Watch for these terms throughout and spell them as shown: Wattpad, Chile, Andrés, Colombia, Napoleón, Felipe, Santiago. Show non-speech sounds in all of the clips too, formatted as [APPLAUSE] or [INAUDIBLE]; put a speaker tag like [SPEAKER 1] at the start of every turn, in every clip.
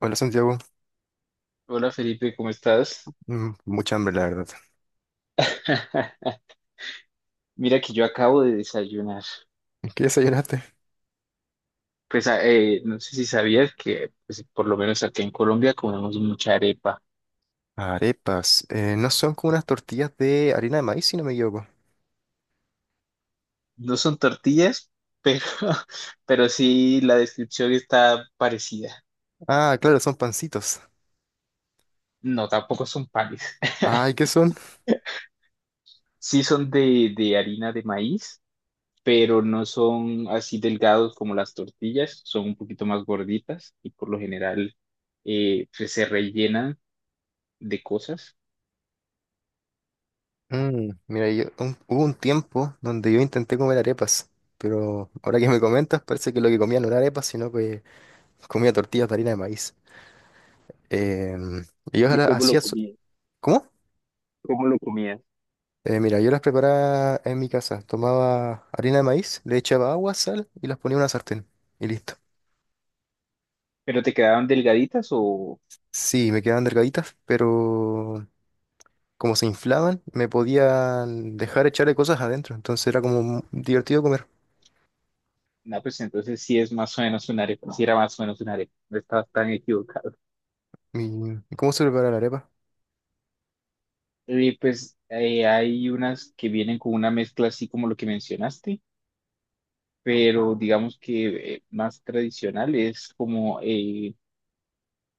[SPEAKER 1] Hola, Santiago.
[SPEAKER 2] Hola Felipe, ¿cómo estás?
[SPEAKER 1] Mucha hambre, la verdad.
[SPEAKER 2] [LAUGHS] Mira que yo acabo de desayunar.
[SPEAKER 1] ¿Qué desayunaste?
[SPEAKER 2] No sé si sabías que pues, por lo menos acá en Colombia comemos mucha arepa.
[SPEAKER 1] Arepas. ¿No son como unas tortillas de harina de maíz, si no me equivoco?
[SPEAKER 2] No son tortillas, pero, [LAUGHS] pero sí la descripción está parecida.
[SPEAKER 1] Ah, claro, son pancitos.
[SPEAKER 2] No, tampoco son panes. [LAUGHS]
[SPEAKER 1] Ay, ¿qué son?
[SPEAKER 2] Sí son de harina de maíz, pero no son así delgados como las tortillas, son un poquito más gorditas y por lo general se rellenan de cosas.
[SPEAKER 1] Mira, yo, hubo un tiempo donde yo intenté comer arepas, pero ahora que me comentas parece que lo que comía no era arepas, sino que comía tortillas de harina de maíz. Em, y yo
[SPEAKER 2] ¿Y
[SPEAKER 1] las
[SPEAKER 2] cómo lo
[SPEAKER 1] hacía...
[SPEAKER 2] comías?
[SPEAKER 1] ¿Cómo?
[SPEAKER 2] ¿Cómo lo comías?
[SPEAKER 1] Mira, yo las preparaba en mi casa. Tomaba harina de maíz, le echaba agua, sal y las ponía en una sartén. Y listo.
[SPEAKER 2] ¿Pero te quedaban delgaditas o...?
[SPEAKER 1] Sí, me quedaban delgaditas, pero como se inflaban, me podían dejar echarle cosas adentro. Entonces era como divertido comer.
[SPEAKER 2] No, pues entonces sí es más o menos un arepa, sí era más o menos un arepa, no estabas tan equivocado.
[SPEAKER 1] ¿Y cómo se prepara la arepa?
[SPEAKER 2] Y hay unas que vienen con una mezcla así como lo que mencionaste, pero digamos que más tradicional es como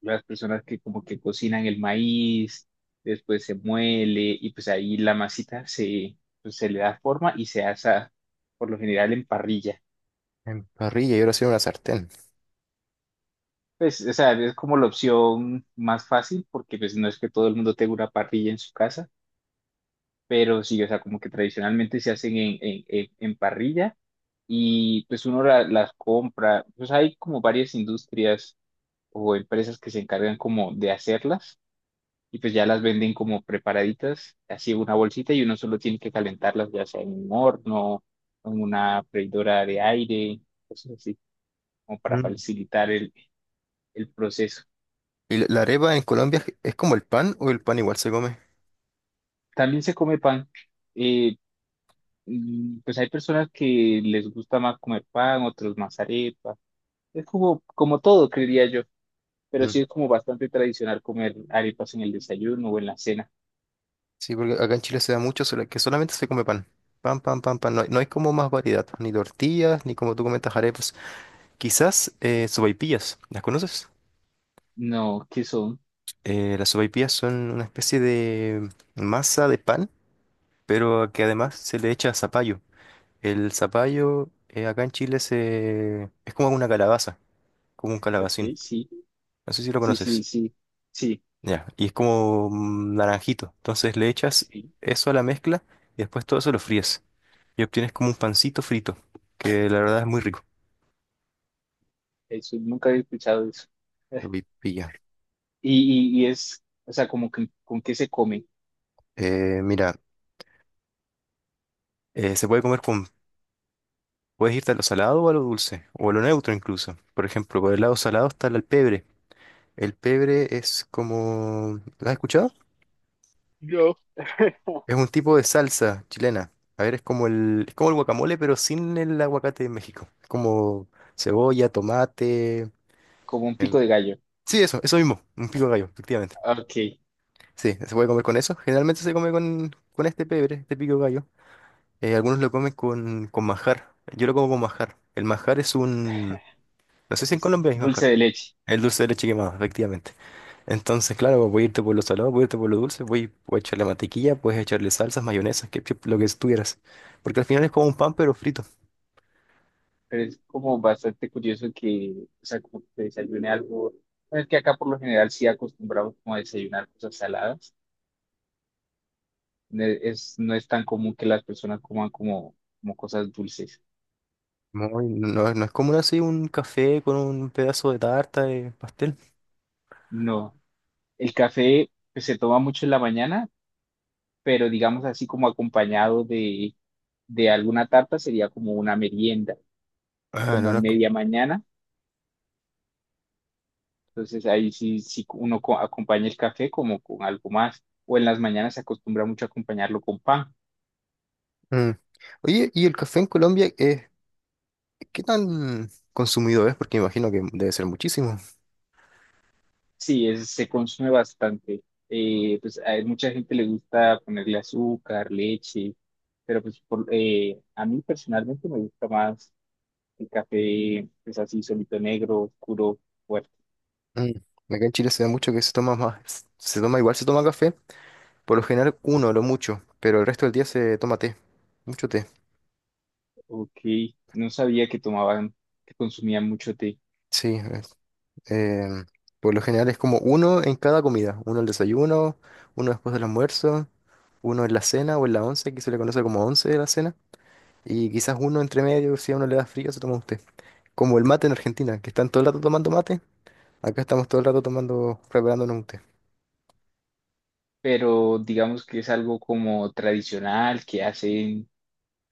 [SPEAKER 2] las personas que como que cocinan el maíz, después se muele y pues ahí la masita se, pues, se le da forma y se asa por lo general en parrilla.
[SPEAKER 1] En parrilla y ahora sí en una sartén.
[SPEAKER 2] Pues, o sea, es como la opción más fácil porque pues no es que todo el mundo tenga una parrilla en su casa, pero sí, o sea, como que tradicionalmente se hacen en parrilla y pues uno la- las compra, pues hay como varias industrias o empresas que se encargan como de hacerlas y pues ya las venden como preparaditas, así en una bolsita y uno solo tiene que calentarlas ya sea en un horno, en una freidora de aire, cosas así, como para
[SPEAKER 1] Mm.
[SPEAKER 2] facilitar el proceso.
[SPEAKER 1] ¿Y la arepa en Colombia es como el pan o el pan igual se come?
[SPEAKER 2] También se come pan. Eh, pues hay personas que les gusta más comer pan, otros más arepa. Es como, como todo, creería yo. Pero sí
[SPEAKER 1] Mm.
[SPEAKER 2] es como bastante tradicional comer arepas en el desayuno o en la cena.
[SPEAKER 1] Sí, porque acá en Chile se da mucho que solamente se come pan. Pan, pan, pan, pan. No hay como más variedad. Ni tortillas, ni, como tú comentas, arepas. Quizás sopaipillas. ¿Las conoces?
[SPEAKER 2] No, ¿qué son?
[SPEAKER 1] Las sopaipillas son una especie de masa de pan, pero que además se le echa zapallo. El zapallo, acá en Chile se... es como una calabaza, como un calabacín.
[SPEAKER 2] Ok, sí,
[SPEAKER 1] No sé si lo
[SPEAKER 2] sí, sí,
[SPEAKER 1] conoces.
[SPEAKER 2] sí, sí,
[SPEAKER 1] Ya, y es como naranjito. Entonces le echas
[SPEAKER 2] sí.
[SPEAKER 1] eso a la mezcla y después todo eso lo fríes. Y obtienes como un pancito frito, que la verdad es muy rico.
[SPEAKER 2] Eso, nunca había escuchado eso. [LAUGHS]
[SPEAKER 1] Pilla.
[SPEAKER 2] Y es, o sea, como que, ¿con qué se come?
[SPEAKER 1] Mira, se puede comer con... Puedes irte a lo salado o a lo dulce, o a lo neutro incluso. Por ejemplo, por el lado salado está el pebre. El pebre es como... ¿Lo has escuchado?
[SPEAKER 2] Yo.
[SPEAKER 1] Es un tipo de salsa chilena. A ver, es como es como el guacamole, pero sin el aguacate de México. Es como cebolla, tomate.
[SPEAKER 2] Como un
[SPEAKER 1] em,
[SPEAKER 2] pico de gallo.
[SPEAKER 1] sí, eso mismo. Un pico de gallo, efectivamente.
[SPEAKER 2] Ok,
[SPEAKER 1] Sí, se puede comer con eso. Generalmente se come con este pebre, este pico de gallo. Algunos lo comen con manjar. Yo lo como con manjar. El manjar es un. No sé si en
[SPEAKER 2] es
[SPEAKER 1] Colombia hay
[SPEAKER 2] dulce
[SPEAKER 1] manjar.
[SPEAKER 2] de leche.
[SPEAKER 1] El dulce de leche quemado, efectivamente. Entonces, claro, pues, voy a irte por lo salado, voy a irte por lo dulce, voy, puedes echarle mantequilla, puedes echarle salsas, mayonesas, ketchup, lo que tuvieras. Porque al final es como un pan, pero frito.
[SPEAKER 2] Pero es como bastante curioso que, o sea, como que desayune algo, bueno, es que acá por lo general sí acostumbramos como a desayunar cosas saladas, no es tan común que las personas coman como, como cosas dulces,
[SPEAKER 1] No, no es como así un café con un pedazo de tarta de pastel.
[SPEAKER 2] no, el café pues, se toma mucho en la mañana, pero digamos así como acompañado de alguna tarta sería como una merienda,
[SPEAKER 1] Ah, no,
[SPEAKER 2] como
[SPEAKER 1] no es
[SPEAKER 2] media mañana, entonces ahí sí, sí uno co- acompaña el café como con algo más, o en las mañanas se acostumbra mucho a acompañarlo con pan.
[SPEAKER 1] Mm. Oye, ¿y el café en Colombia es qué tan consumido es? Porque me imagino que debe ser muchísimo.
[SPEAKER 2] Sí, es- se consume bastante. Pues a mucha gente le gusta ponerle azúcar, leche, pero a mí personalmente me gusta más el café, pues así solito negro, oscuro, fuerte.
[SPEAKER 1] Mm. Acá en Chile se da mucho que se toma más, se toma igual, se toma café, por lo general uno, lo mucho, pero el resto del día se toma té, mucho té.
[SPEAKER 2] Ok, no sabía que tomaban, que consumían mucho té,
[SPEAKER 1] Sí, es- em, por lo general es como uno en cada comida, uno al desayuno, uno después del almuerzo, uno en la cena o en la once, que se le conoce como once de la cena, y quizás uno entre medio, si a uno le da frío, se toma usted. Como el mate en Argentina, que están todo el rato tomando mate, acá estamos todo el rato tomando, preparándonos un té.
[SPEAKER 2] pero digamos que es algo como tradicional que hacen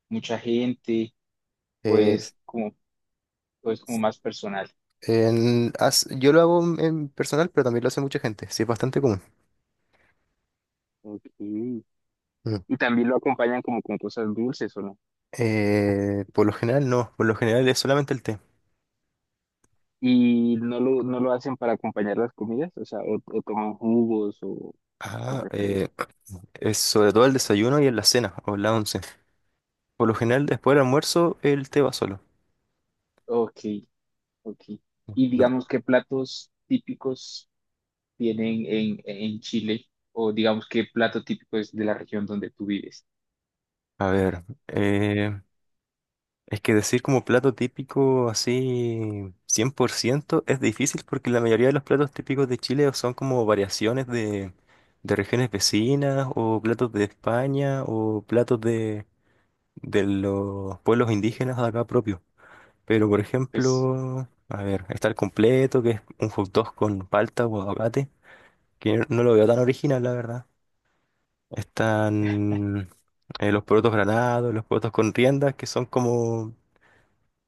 [SPEAKER 2] mucha gente,
[SPEAKER 1] Eh,
[SPEAKER 2] pues como, pues como más personal.
[SPEAKER 1] yo lo hago en personal, pero también lo hace mucha gente, sí es bastante común.
[SPEAKER 2] Ok.
[SPEAKER 1] Mm.
[SPEAKER 2] Y también lo acompañan como con cosas dulces, ¿o no?
[SPEAKER 1] Por lo general no, por lo general es solamente el té.
[SPEAKER 2] Y no lo hacen para acompañar las comidas, o sea, o toman jugos o
[SPEAKER 1] Ah,
[SPEAKER 2] refrescos.
[SPEAKER 1] eh, Es sobre todo el desayuno y en la cena o en la once. Por lo general, después del almuerzo, el té va solo.
[SPEAKER 2] Ok, ok. Y
[SPEAKER 1] Lo-
[SPEAKER 2] digamos, ¿qué platos típicos tienen en Chile? O digamos, ¿qué plato típico es de la región donde tú vives?
[SPEAKER 1] A ver, es que decir como plato típico así 100% es difícil porque la mayoría de los platos típicos de Chile son como variaciones de regiones vecinas o platos de España o platos de los pueblos indígenas de acá propios. Pero por
[SPEAKER 2] Pues,
[SPEAKER 1] ejemplo, a ver, está el completo, que es un hot dog con palta o aguacate. Que no lo veo tan original, la verdad. Están los porotos granados, los porotos con riendas, que son como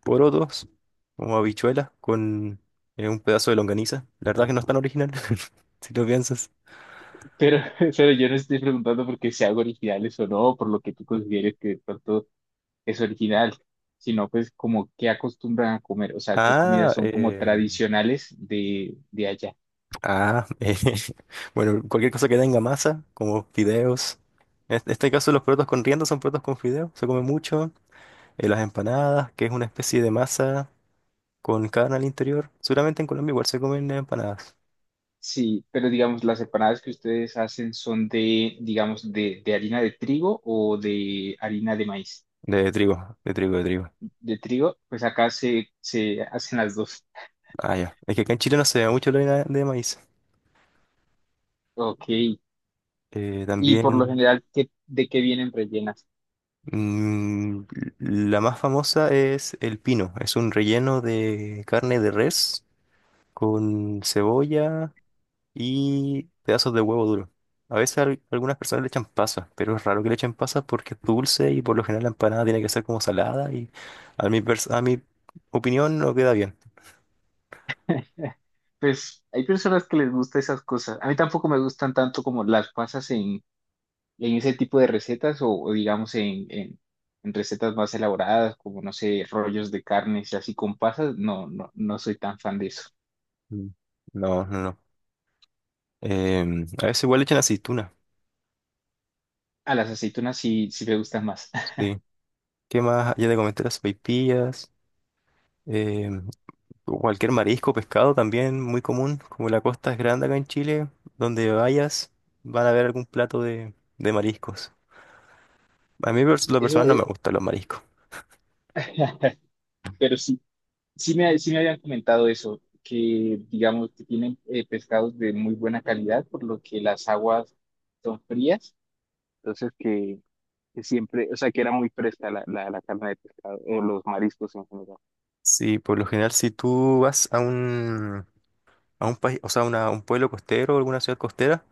[SPEAKER 1] porotos, como habichuelas, con un pedazo de longaniza. La verdad que no es tan original, [LAUGHS] si lo piensas.
[SPEAKER 2] pero, [LAUGHS] pero yo no estoy preguntando porque sean originales o no, por lo que tú consideres que de pronto es original, sino pues como qué acostumbran a comer, o sea, qué
[SPEAKER 1] Ah,
[SPEAKER 2] comidas son como
[SPEAKER 1] eh,
[SPEAKER 2] tradicionales de allá.
[SPEAKER 1] ah, [LAUGHS] eh, bueno, cualquier cosa que tenga masa, como fideos. En este caso, los porotos con riendas son porotos con fideos, se come mucho. Las empanadas, que es una especie de masa con carne al interior. Seguramente en Colombia igual se comen empanadas.
[SPEAKER 2] Sí, pero digamos, las empanadas que ustedes hacen son de, digamos, de harina de trigo o de harina de maíz.
[SPEAKER 1] De trigo, de trigo, de trigo.
[SPEAKER 2] De trigo, pues acá se, se hacen las dos.
[SPEAKER 1] Ah, ya. Es que acá en Chile no se ve mucho la harina de maíz.
[SPEAKER 2] Ok. Y por lo
[SPEAKER 1] También
[SPEAKER 2] general, ¿qué, de qué vienen rellenas?
[SPEAKER 1] mm, la más famosa es el pino. Es un relleno de carne de res con cebolla y pedazos de huevo duro. A veces algunas personas le echan pasas, pero es raro que le echen pasas porque es dulce y por lo general la empanada tiene que ser como salada y a mi opinión no queda bien.
[SPEAKER 2] [LAUGHS] Pues hay personas que les gusta esas cosas. A mí tampoco me gustan tanto como las pasas en ese tipo de recetas o digamos en recetas más elaboradas, como no sé, rollos de carnes y así con pasas. No, no, no soy tan fan de eso.
[SPEAKER 1] Mm. No, no, no. A veces igual le echan aceituna.
[SPEAKER 2] A las aceitunas sí, sí me gustan más. [LAUGHS]
[SPEAKER 1] Sí. ¿Qué más? Ya te comenté las sopaipillas, eh, cualquier marisco, pescado también, muy común. Como la costa es grande acá en Chile, donde vayas van a ver algún plato de mariscos. Lo
[SPEAKER 2] Eso,
[SPEAKER 1] personal, no me gustan los mariscos.
[SPEAKER 2] [LAUGHS] pero sí, sí me habían comentado eso, que digamos que tienen pescados de muy buena calidad, por lo que las aguas son frías. Entonces que siempre, o sea, que era muy fresca la, la, la carne de pescado o los mariscos en general.
[SPEAKER 1] Sí, por lo general si tú vas a un país, o sea, un pueblo costero o alguna ciudad costera,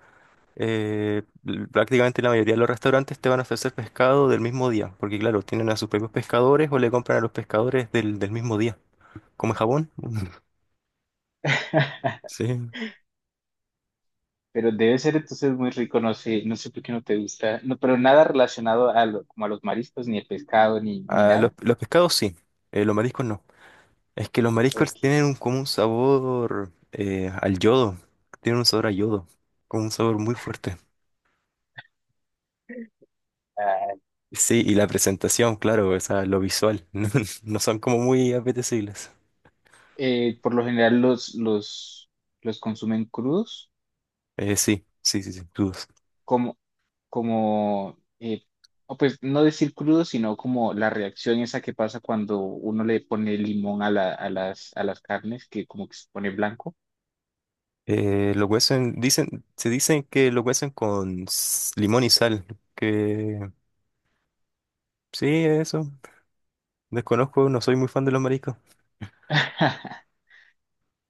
[SPEAKER 1] prácticamente la mayoría de los restaurantes te van a ofrecer pescado del mismo día, porque claro, tienen a sus propios pescadores o le compran a los pescadores del, del mismo día. Como en Japón. [LAUGHS]
[SPEAKER 2] [LAUGHS]
[SPEAKER 1] Sí.
[SPEAKER 2] Pero debe ser entonces muy rico, no sé, no sé por qué no te gusta, no, pero nada relacionado a lo- como a los mariscos, ni el pescado, ni, ni
[SPEAKER 1] Ah,
[SPEAKER 2] nada.
[SPEAKER 1] los pescados sí, los mariscos no. Es que los mariscos
[SPEAKER 2] Ok,
[SPEAKER 1] tienen un, como un sabor al yodo, tienen un sabor a yodo, como un sabor muy fuerte. Sí, y la presentación, claro, o sea, lo visual, [LAUGHS] no, no son como muy apetecibles.
[SPEAKER 2] Por lo general los consumen crudos,
[SPEAKER 1] Sí, sí, sí, sin dudas.
[SPEAKER 2] como, como eh, o pues no decir crudos, sino como la reacción esa que pasa cuando uno le pone limón a, la- a las carnes, que como que se pone blanco.
[SPEAKER 1] Lo cuecen, dicen, se dicen que lo cuecen con limón y sal, que sí, eso, desconozco, no soy muy fan de los mariscos.
[SPEAKER 2] [LAUGHS]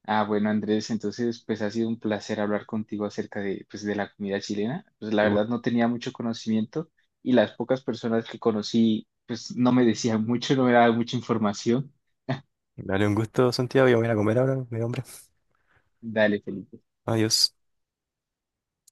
[SPEAKER 2] Ah, bueno, Andrés, entonces pues ha sido un placer hablar contigo acerca de, pues, de la comida chilena. Pues la
[SPEAKER 1] Y bueno,
[SPEAKER 2] verdad no tenía mucho conocimiento y las pocas personas que conocí pues no me decían mucho, no me daban mucha información.
[SPEAKER 1] dale un gusto, Santiago, yo me voy a ir a comer ahora, mi hombre.
[SPEAKER 2] Dale, Felipe.
[SPEAKER 1] Adiós.